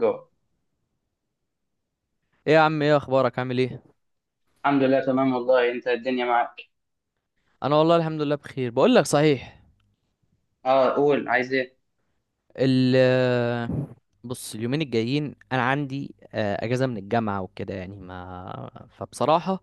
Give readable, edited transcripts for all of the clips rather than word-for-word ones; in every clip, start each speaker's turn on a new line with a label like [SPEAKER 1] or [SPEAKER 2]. [SPEAKER 1] جو،
[SPEAKER 2] ايه يا عم، ايه اخبارك؟ عامل ايه؟
[SPEAKER 1] الحمد لله تمام، والله انت الدنيا معاك.
[SPEAKER 2] انا والله الحمد لله بخير. بقول لك صحيح.
[SPEAKER 1] اه، قول، عايز ايه؟
[SPEAKER 2] ال بص، اليومين الجايين انا عندي اجازه من الجامعه وكده، يعني ما فبصراحه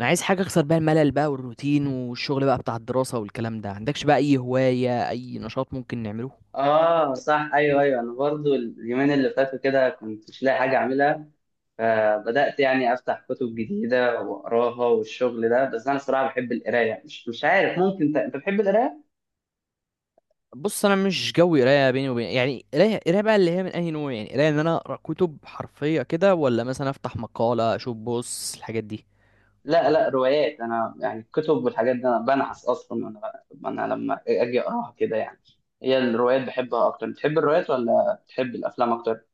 [SPEAKER 2] انا عايز حاجه اكسر بقى الملل بقى والروتين والشغل بقى بتاع الدراسه والكلام ده. عندكش بقى اي هوايه، اي نشاط ممكن نعمله؟
[SPEAKER 1] اه، صح، ايوه، ايوه، انا برضو اليومين اللي فاتوا كده كنت مش لاقي حاجه اعملها. فبدات يعني افتح كتب جديده واقراها والشغل ده. بس انا صراحه بحب القرايه. مش عارف، ممكن انت بتحب القرايه؟
[SPEAKER 2] بص انا مش جوي قرايه بيني وبين، يعني قرايه قرايه بقى اللي هي من اي نوع؟ يعني قرايه ان انا اقرا كتب حرفيه كده، ولا مثلا افتح مقاله اشوف بص الحاجات دي.
[SPEAKER 1] لا، لا، روايات. انا يعني الكتب والحاجات دي انا بنعس اصلا. وانا لما اجي اقراها كده يعني، هي الروايات بحبها اكتر. بتحب الروايات ولا بتحب الافلام اكتر؟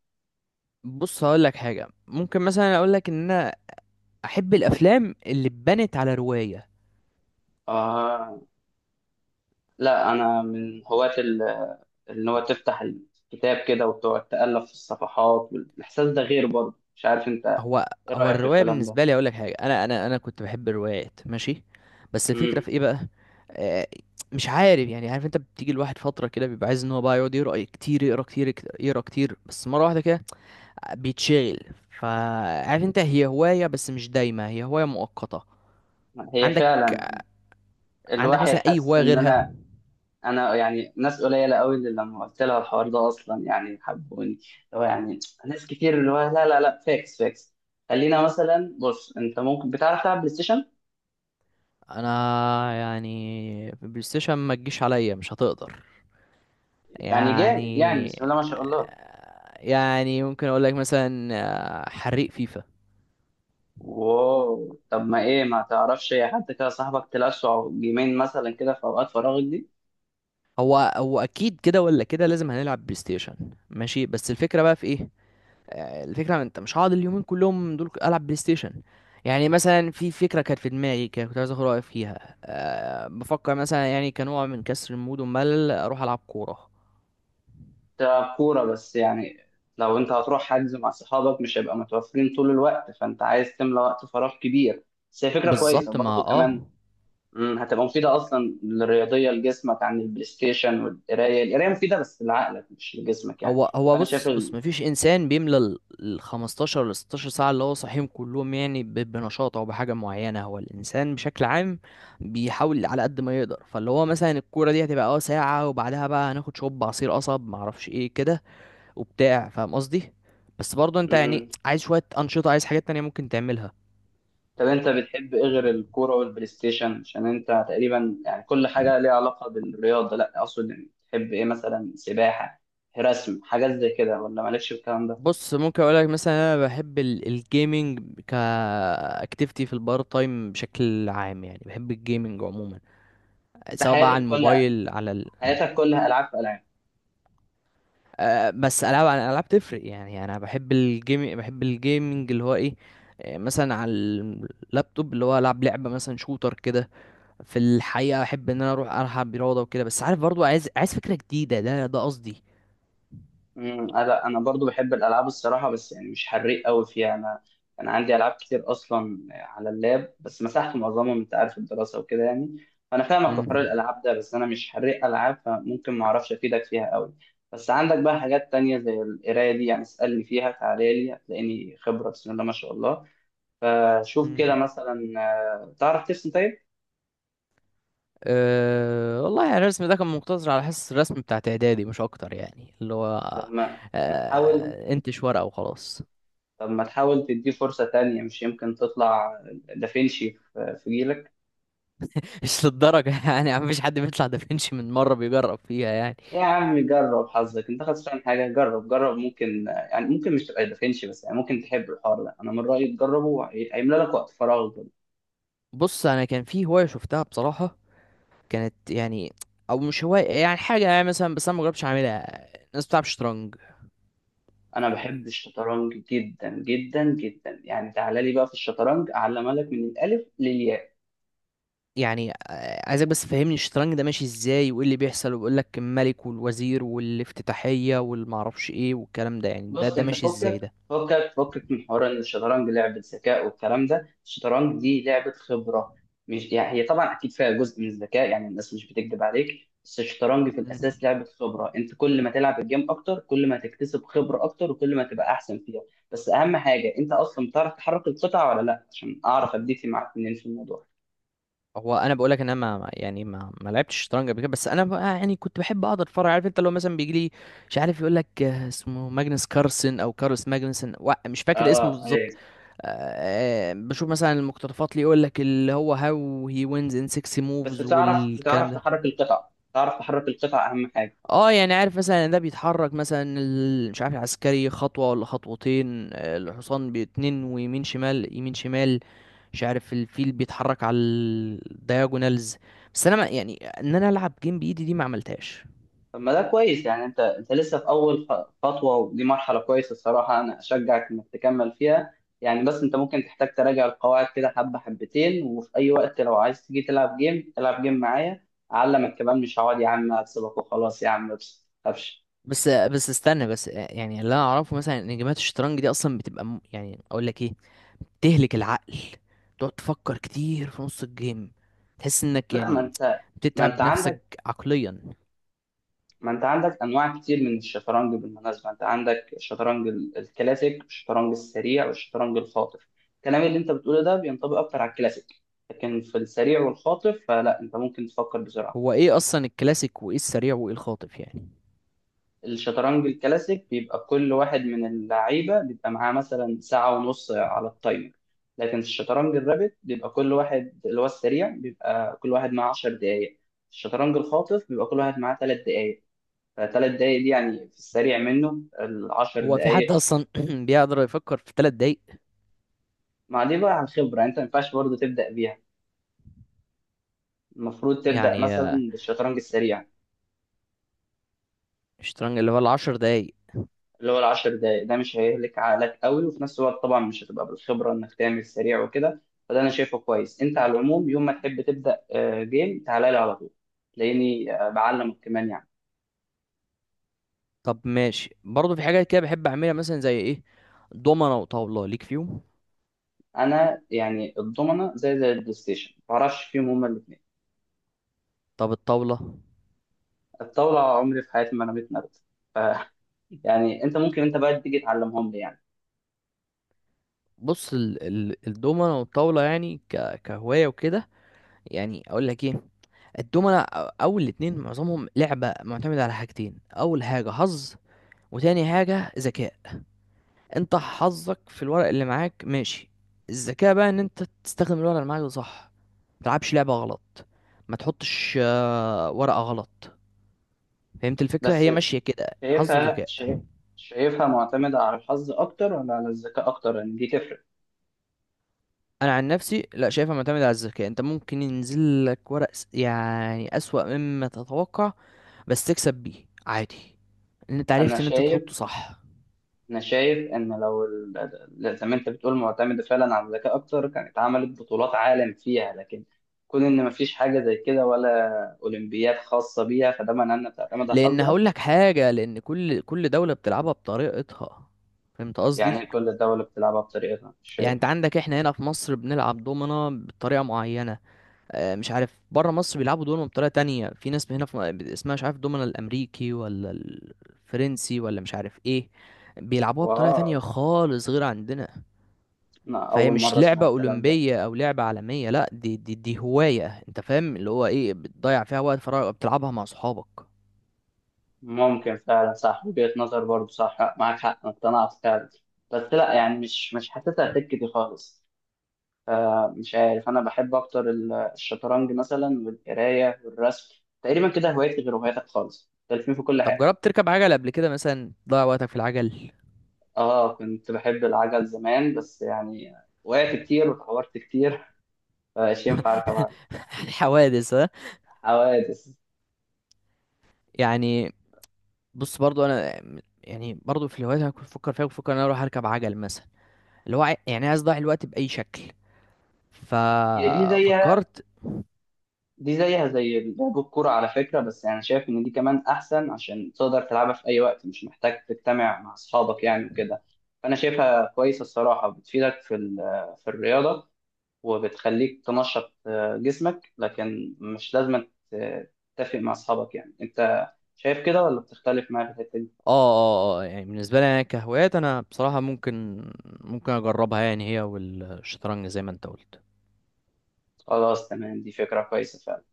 [SPEAKER 2] بص هقول لك حاجه، ممكن مثلا اقول لك ان انا احب الافلام اللي اتبنت على روايه.
[SPEAKER 1] اه، لا، انا من هواة ان هو تفتح الكتاب كده وتقعد تألف في الصفحات، والاحساس ده غير برضه، مش عارف انت.
[SPEAKER 2] هو
[SPEAKER 1] ايه
[SPEAKER 2] هو
[SPEAKER 1] رأيك في
[SPEAKER 2] الروايه
[SPEAKER 1] الكلام ده؟
[SPEAKER 2] بالنسبه لي، اقول لك حاجه، انا كنت بحب الروايات ماشي، بس الفكره
[SPEAKER 1] امم
[SPEAKER 2] في ايه بقى؟ آه، مش عارف يعني، عارف انت بتيجي الواحد فتره كده بيبقى عايز ان هو بقى يقعد يقرا كتير، يقرا كتير بس مره واحده كده، بيتشغل. فعارف انت، هي هوايه بس مش دايمه، هي هوايه مؤقته.
[SPEAKER 1] هي
[SPEAKER 2] عندك
[SPEAKER 1] فعلا يعني،
[SPEAKER 2] عندك
[SPEAKER 1] الواحد
[SPEAKER 2] مثلا اي
[SPEAKER 1] حس
[SPEAKER 2] هوايه
[SPEAKER 1] ان
[SPEAKER 2] غيرها؟
[SPEAKER 1] انا يعني ناس قليله قوي اللي لما قلت لها الحوار ده اصلا يعني حبوني. هو يعني ناس كتير اللي هو لا، لا، لا، فاكس، فاكس. خلينا مثلا، بص، انت ممكن بتعرف تلعب بلاي ستيشن؟
[SPEAKER 2] انا يعني بلاي ستيشن ما تجيش عليا، مش هتقدر
[SPEAKER 1] يعني جامد، يعني
[SPEAKER 2] يعني.
[SPEAKER 1] بسم الله ما شاء الله.
[SPEAKER 2] يعني ممكن اقول لك مثلا حريق فيفا.
[SPEAKER 1] واو، طب ما ايه، ما تعرفش يا حد كده صاحبك تلعب جيمين مثلا كده في اوقات فراغك دي؟
[SPEAKER 2] هو هو اكيد كده ولا كده لازم هنلعب بلاي ستيشن، ماشي بس الفكره بقى في ايه؟ الفكره انت مش هقعد اليومين كلهم دول العب بلاي ستيشن. يعني مثلا في فكره كانت في دماغي كده، كنت عايز اخد رايك فيها. أه، بفكر مثلا يعني كنوع من كسر المود والملل اروح العب كوره.
[SPEAKER 1] ده كورة بس يعني. لو انت هتروح حجز مع صحابك مش هيبقى متوفرين طول الوقت، فانت عايز تملى وقت فراغ كبير. بس هي فكرة كويسة
[SPEAKER 2] بالظبط ما
[SPEAKER 1] برضو كمان.
[SPEAKER 2] اه.
[SPEAKER 1] هتبقى مفيدة أصلا للرياضية لجسمك عن البلاي ستيشن، والقراية. القراية مفيدة بس لعقلك مش لجسمك يعني.
[SPEAKER 2] هو هو
[SPEAKER 1] فأنا شايف
[SPEAKER 2] بص
[SPEAKER 1] ال...
[SPEAKER 2] بص مفيش انسان بيملى ال 15 ل 16 ساعه اللي هو صاحيهم كلهم، يعني بنشاط او بحاجه معينه. هو الانسان بشكل عام بيحاول على قد ما يقدر، فاللي هو مثلا الكوره دي هتبقى اه ساعه، وبعدها بقى هناخد شوب عصير قصب، معرفش ايه كده وبتاع، فاهم قصدي؟ بس برضه انت يعني
[SPEAKER 1] مم.
[SPEAKER 2] عايز شويه انشطه، عايز حاجات تانية ممكن تعملها.
[SPEAKER 1] طب، أنت بتحب إيه غير الكورة والبلاي ستيشن؟ عشان أنت تقريبا يعني كل حاجة ليها علاقة بالرياضة. لا، أقصد يعني تحب إيه مثلا؟ سباحة، رسم، حاجات زي كده، ولا مالكش في الكلام ده؟
[SPEAKER 2] بص ممكن اقول لك مثلا انا بحب الجيمنج كاكتيفيتي في البار تايم، بشكل عام يعني بحب الجيمنج عموما،
[SPEAKER 1] انت
[SPEAKER 2] سواء بقى على الموبايل، على
[SPEAKER 1] حياتك كلها العاب في العاب.
[SPEAKER 2] بس العاب عن العاب تفرق. يعني انا بحب الجيم، بحب الجيمنج اللي هو ايه؟ مثلا على اللابتوب اللي هو العب لعبه مثلا شوتر كده. في الحقيقه احب ان انا اروح العب رياضه وكده، بس عارف برضو، عايز فكره جديده، ده قصدي.
[SPEAKER 1] لا، انا برضو بحب الالعاب الصراحه، بس يعني مش حريق قوي فيها انا. انا عندي العاب كتير اصلا على اللاب بس مسحت معظمهم، انت عارف الدراسه وكده يعني. فانا فاهمك في حوار
[SPEAKER 2] امم
[SPEAKER 1] الالعاب ده، بس انا مش حريق العاب، فممكن ما اعرفش افيدك فيها قوي. بس عندك بقى حاجات تانية زي القرايه دي يعني، اسالني فيها، تعالى لي هتلاقيني خبره بسم الله ما شاء الله. فشوف كده
[SPEAKER 2] امم
[SPEAKER 1] مثلا. تعرف ترسم؟ طيب.
[SPEAKER 2] أه والله يعني الرسم ده كان مقتصر على حصص الرسم بتاعت اعدادي، مش اكتر يعني، اللي هو
[SPEAKER 1] طب ما ما تحاول
[SPEAKER 2] أه انتش ورقه وخلاص.
[SPEAKER 1] طب ما تحاول تديه فرصة تانية، مش يمكن تطلع دافنشي في جيلك؟
[SPEAKER 2] مش للدرجه يعني، مفيش حد بيطلع دافنشي من مره بيجرب فيها يعني.
[SPEAKER 1] يا عم جرب حظك، انت خسران حاجة؟ جرب، جرب. ممكن يعني، ممكن مش تبقى دافنشي، بس يعني ممكن تحب الحوار ده. انا من رأيي تجربه، هيملى لك وقت فراغ برضه.
[SPEAKER 2] بص انا كان في هوايه شفتها بصراحه، كانت يعني، او مش هواية يعني، حاجة يعني مثلا، بس انا مجربتش اعملها. الناس بتلعب شطرنج.
[SPEAKER 1] انا بحب الشطرنج جدا جدا جدا يعني. تعالى لي بقى في الشطرنج، اعلمها لك من الالف للياء.
[SPEAKER 2] يعني عايزك بس فهمني الشطرنج ده ماشي ازاي وايه اللي بيحصل، وبيقول لك الملك والوزير والافتتاحية والمعرفش ايه والكلام ده، يعني
[SPEAKER 1] بص،
[SPEAKER 2] ده
[SPEAKER 1] انت
[SPEAKER 2] ماشي ازاي
[SPEAKER 1] فكك،
[SPEAKER 2] ده؟
[SPEAKER 1] فكك، فكك من حوار ان الشطرنج لعبه ذكاء والكلام ده. الشطرنج دي لعبه خبره. مش يعني هي طبعا اكيد فيها جزء من الذكاء، يعني الناس مش بتكذب عليك، بس الشطرنج في الاساس
[SPEAKER 2] مم.
[SPEAKER 1] لعبه خبره. انت كل ما تلعب الجيم اكتر كل ما تكتسب خبره اكتر، وكل ما تبقى احسن فيها. بس اهم حاجه، انت اصلا بتعرف تحرك القطع ولا لا؟ عشان اعرف اديتي معاك منين في الموضوع.
[SPEAKER 2] هو انا بقول لك ان انا يعني ما لعبتش شطرنج قبل كده، بس انا بقى يعني كنت بحب اقعد اتفرج. عارف انت لو مثلا بيجي لي، مش عارف، يقول لك اسمه ماجنس كارلسن او كارلس ماجنسن، مش فاكر اسمه
[SPEAKER 1] اه،
[SPEAKER 2] بالظبط.
[SPEAKER 1] ايوه.
[SPEAKER 2] بشوف مثلا المقتطفات اللي يقول لك اللي هو هاو هي وينز ان 6
[SPEAKER 1] بس
[SPEAKER 2] موفز
[SPEAKER 1] بتعرف
[SPEAKER 2] والكلام
[SPEAKER 1] بتعرف
[SPEAKER 2] ده.
[SPEAKER 1] تحرك القطع، تعرف تحرك القطع اهم حاجه.
[SPEAKER 2] اه يعني عارف مثلا ان ده بيتحرك مثلا مش عارف العسكري خطوة ولا خطوتين، الحصان باتنين ويمين شمال يمين شمال. مش عارف الفيل بيتحرك على الدياجونالز. بس انا ما يعني ان انا العب جيم بايدي دي ما عملتهاش.
[SPEAKER 1] طب ما ده كويس يعني. انت لسه في اول خطوه، ودي مرحله كويسه الصراحه، انا اشجعك انك تكمل فيها. يعني بس انت ممكن تحتاج تراجع القواعد كده حبه حبتين، وفي اي وقت لو عايز تيجي تلعب جيم، العب جيم معايا، اعلمك كمان. مش هقعد يا عم اكسبك وخلاص يا عم، بس ما تخافش.
[SPEAKER 2] بس استنى بس. يعني اللي انا اعرفه مثلا ان جيمات الشطرنج دي اصلا بتبقى يعني اقول لك ايه، تهلك العقل، تقعد تفكر كتير في نص الجيم، تحس انك
[SPEAKER 1] لا،
[SPEAKER 2] يعني
[SPEAKER 1] ما انت
[SPEAKER 2] بتتعب نفسك
[SPEAKER 1] عندك
[SPEAKER 2] عقليا.
[SPEAKER 1] ما انت عندك انواع كتير من الشطرنج بالمناسبه. انت عندك الشطرنج الكلاسيك، الشطرنج السريع، والشطرنج الخاطف. الكلام اللي انت بتقوله ده بينطبق اكتر على الكلاسيك. لكن في السريع والخاطف فلا، انت ممكن تفكر بسرعه.
[SPEAKER 2] هو ايه اصلا الكلاسيك وايه السريع وايه الخاطف يعني؟
[SPEAKER 1] الشطرنج الكلاسيك بيبقى كل واحد من اللعيبه بيبقى معاه مثلا ساعه ونص على التايمر. لكن الشطرنج الرابت، بيبقى كل واحد اللي هو السريع بيبقى كل واحد معاه 10 دقائق. الشطرنج الخاطف بيبقى كل واحد معاه 3 دقائق. فثلاث دقائق دي يعني، في السريع منه العشر
[SPEAKER 2] هو في حد
[SPEAKER 1] دقائق
[SPEAKER 2] اصلا بيقدر يفكر في ثلاث دقايق؟
[SPEAKER 1] ما دي بقى عن خبرة، انت ما ينفعش برضه تبدأ بيها. المفروض تبدأ
[SPEAKER 2] يعني
[SPEAKER 1] مثلا بالشطرنج السريع،
[SPEAKER 2] الشطرنج اللي هو العشر دقايق.
[SPEAKER 1] اللي هو الـ10 دقايق. ده مش هيهلك عقلك قوي، وفي نفس الوقت طبعا مش هتبقى بالخبرة انك تعمل سريع وكده. فده انا شايفه كويس. انت على العموم، يوم ما تحب تبدأ جيم، تعالى لي على طول، تلاقيني بعلمك كمان يعني.
[SPEAKER 2] طب ماشي، برضه في حاجات كده بحب اعملها مثلا زي ايه؟ دومنة وطاولة ليك فيهم؟
[SPEAKER 1] انا يعني الضمنة زي البلاي ستيشن ما بعرفش فيهم هما الاثنين.
[SPEAKER 2] طب الطاولة؟
[SPEAKER 1] الطاولة عمري في حياتي ما رميت نرد. ف يعني انت بقى تيجي تعلمهم لي يعني.
[SPEAKER 2] بص ال الدومنة والطاولة، يعني كهواية وكده، يعني اقول لك ايه. الدومنة اول الاتنين معظمهم لعبة معتمدة على حاجتين: اول حاجة حظ، وتاني حاجة ذكاء. انت حظك في الورق اللي معاك ماشي، الذكاء بقى ان انت تستخدم الورق اللي معاك ده صح، ما تلعبش لعبة غلط، ما تحطش ورقة غلط. فهمت الفكرة؟
[SPEAKER 1] بس
[SPEAKER 2] هي ماشية كده، حظ
[SPEAKER 1] شايفها
[SPEAKER 2] وذكاء.
[SPEAKER 1] شايف شايفها معتمدة على الحظ أكتر ولا على الذكاء أكتر؟ لأن دي تفرق.
[SPEAKER 2] انا عن نفسي لا، شايفها معتمدة على الذكاء. انت ممكن ينزل لك ورق يعني اسوأ مما تتوقع، بس تكسب بيه عادي ان انت
[SPEAKER 1] أنا
[SPEAKER 2] عرفت ان انت
[SPEAKER 1] شايف
[SPEAKER 2] تحطه صح.
[SPEAKER 1] أنا شايف إن لو زي ما أنت بتقول معتمدة فعلا على الذكاء أكتر، كانت عملت بطولات عالم فيها. لكن كون إن مفيش حاجة زي كده، ولا أولمبياد خاصة بيها، فده معناه إنها بتعتمد على
[SPEAKER 2] لان
[SPEAKER 1] الحظ
[SPEAKER 2] هقول
[SPEAKER 1] أكتر.
[SPEAKER 2] لك حاجة، لان كل دولة بتلعبها بطريقتها، فهمت
[SPEAKER 1] يعني
[SPEAKER 2] قصدي؟
[SPEAKER 1] كل دولة بتلعبها بطريقتها، مش
[SPEAKER 2] يعني
[SPEAKER 1] شايف؟
[SPEAKER 2] انت عندك احنا هنا في مصر بنلعب دومنة بطريقة معينة، اه مش عارف بره مصر بيلعبوا دومنة بطريقة تانية. في ناس هنا في اسمها مش عارف دومنة الامريكي ولا الفرنسي ولا مش عارف ايه، بيلعبوها بطريقة
[SPEAKER 1] واو،
[SPEAKER 2] تانية خالص غير عندنا.
[SPEAKER 1] أنا
[SPEAKER 2] فهي
[SPEAKER 1] أول
[SPEAKER 2] مش
[SPEAKER 1] مرة أسمع
[SPEAKER 2] لعبة
[SPEAKER 1] الكلام ده.
[SPEAKER 2] أولمبية أو لعبة عالمية، لا، دي دي دي هواية، انت فاهم اللي هو ايه، بتضيع فيها وقت فراغ بتلعبها مع صحابك.
[SPEAKER 1] ممكن فعلا، صح وجهة نظر برضو، صح معاك حق، أنا اقتنعت فعلا. بس لا يعني مش حاسسها سكة دي خالص. مش عارف، أنا بحب أكتر الشطرنج مثلا والقراية والرسم. تقريبا كده هوايتي غير هواياتك خالص، مختلفين في كل
[SPEAKER 2] طب
[SPEAKER 1] حاجة.
[SPEAKER 2] جربت تركب عجل قبل كده مثلا؟ تضيع وقتك في العجل.
[SPEAKER 1] كنت بحب العجل زمان، بس يعني وقعت كتير واتعورت كتير، فمش ينفع أركب عجل.
[SPEAKER 2] الحوادث ها
[SPEAKER 1] حوادث.
[SPEAKER 2] يعني. بص برضو انا، يعني برضو في الهوايات هكون بفكر فيها، بفكر ان انا اروح اركب عجل مثلا، اللي هو يعني عايز اضيع الوقت باي شكل.
[SPEAKER 1] هي دي زي
[SPEAKER 2] ففكرت.
[SPEAKER 1] دي زيها زي لعب الكورة على فكرة. بس يعني شايف إن دي كمان أحسن، عشان تقدر تلعبها في أي وقت، مش محتاج تجتمع مع أصحابك يعني وكده. فأنا شايفها كويسة الصراحة، بتفيدك في في الرياضة، وبتخليك تنشط جسمك، لكن مش لازم تتفق مع أصحابك. يعني أنت شايف كده ولا بتختلف معايا في الحتة دي؟
[SPEAKER 2] اه اه، يعني بالنسبه لي انا كهوايات انا بصراحه ممكن اجربها، يعني هي والشطرنج زي ما انت قلت.
[SPEAKER 1] خلاص تمام، دي فكرة كويسة فعلا.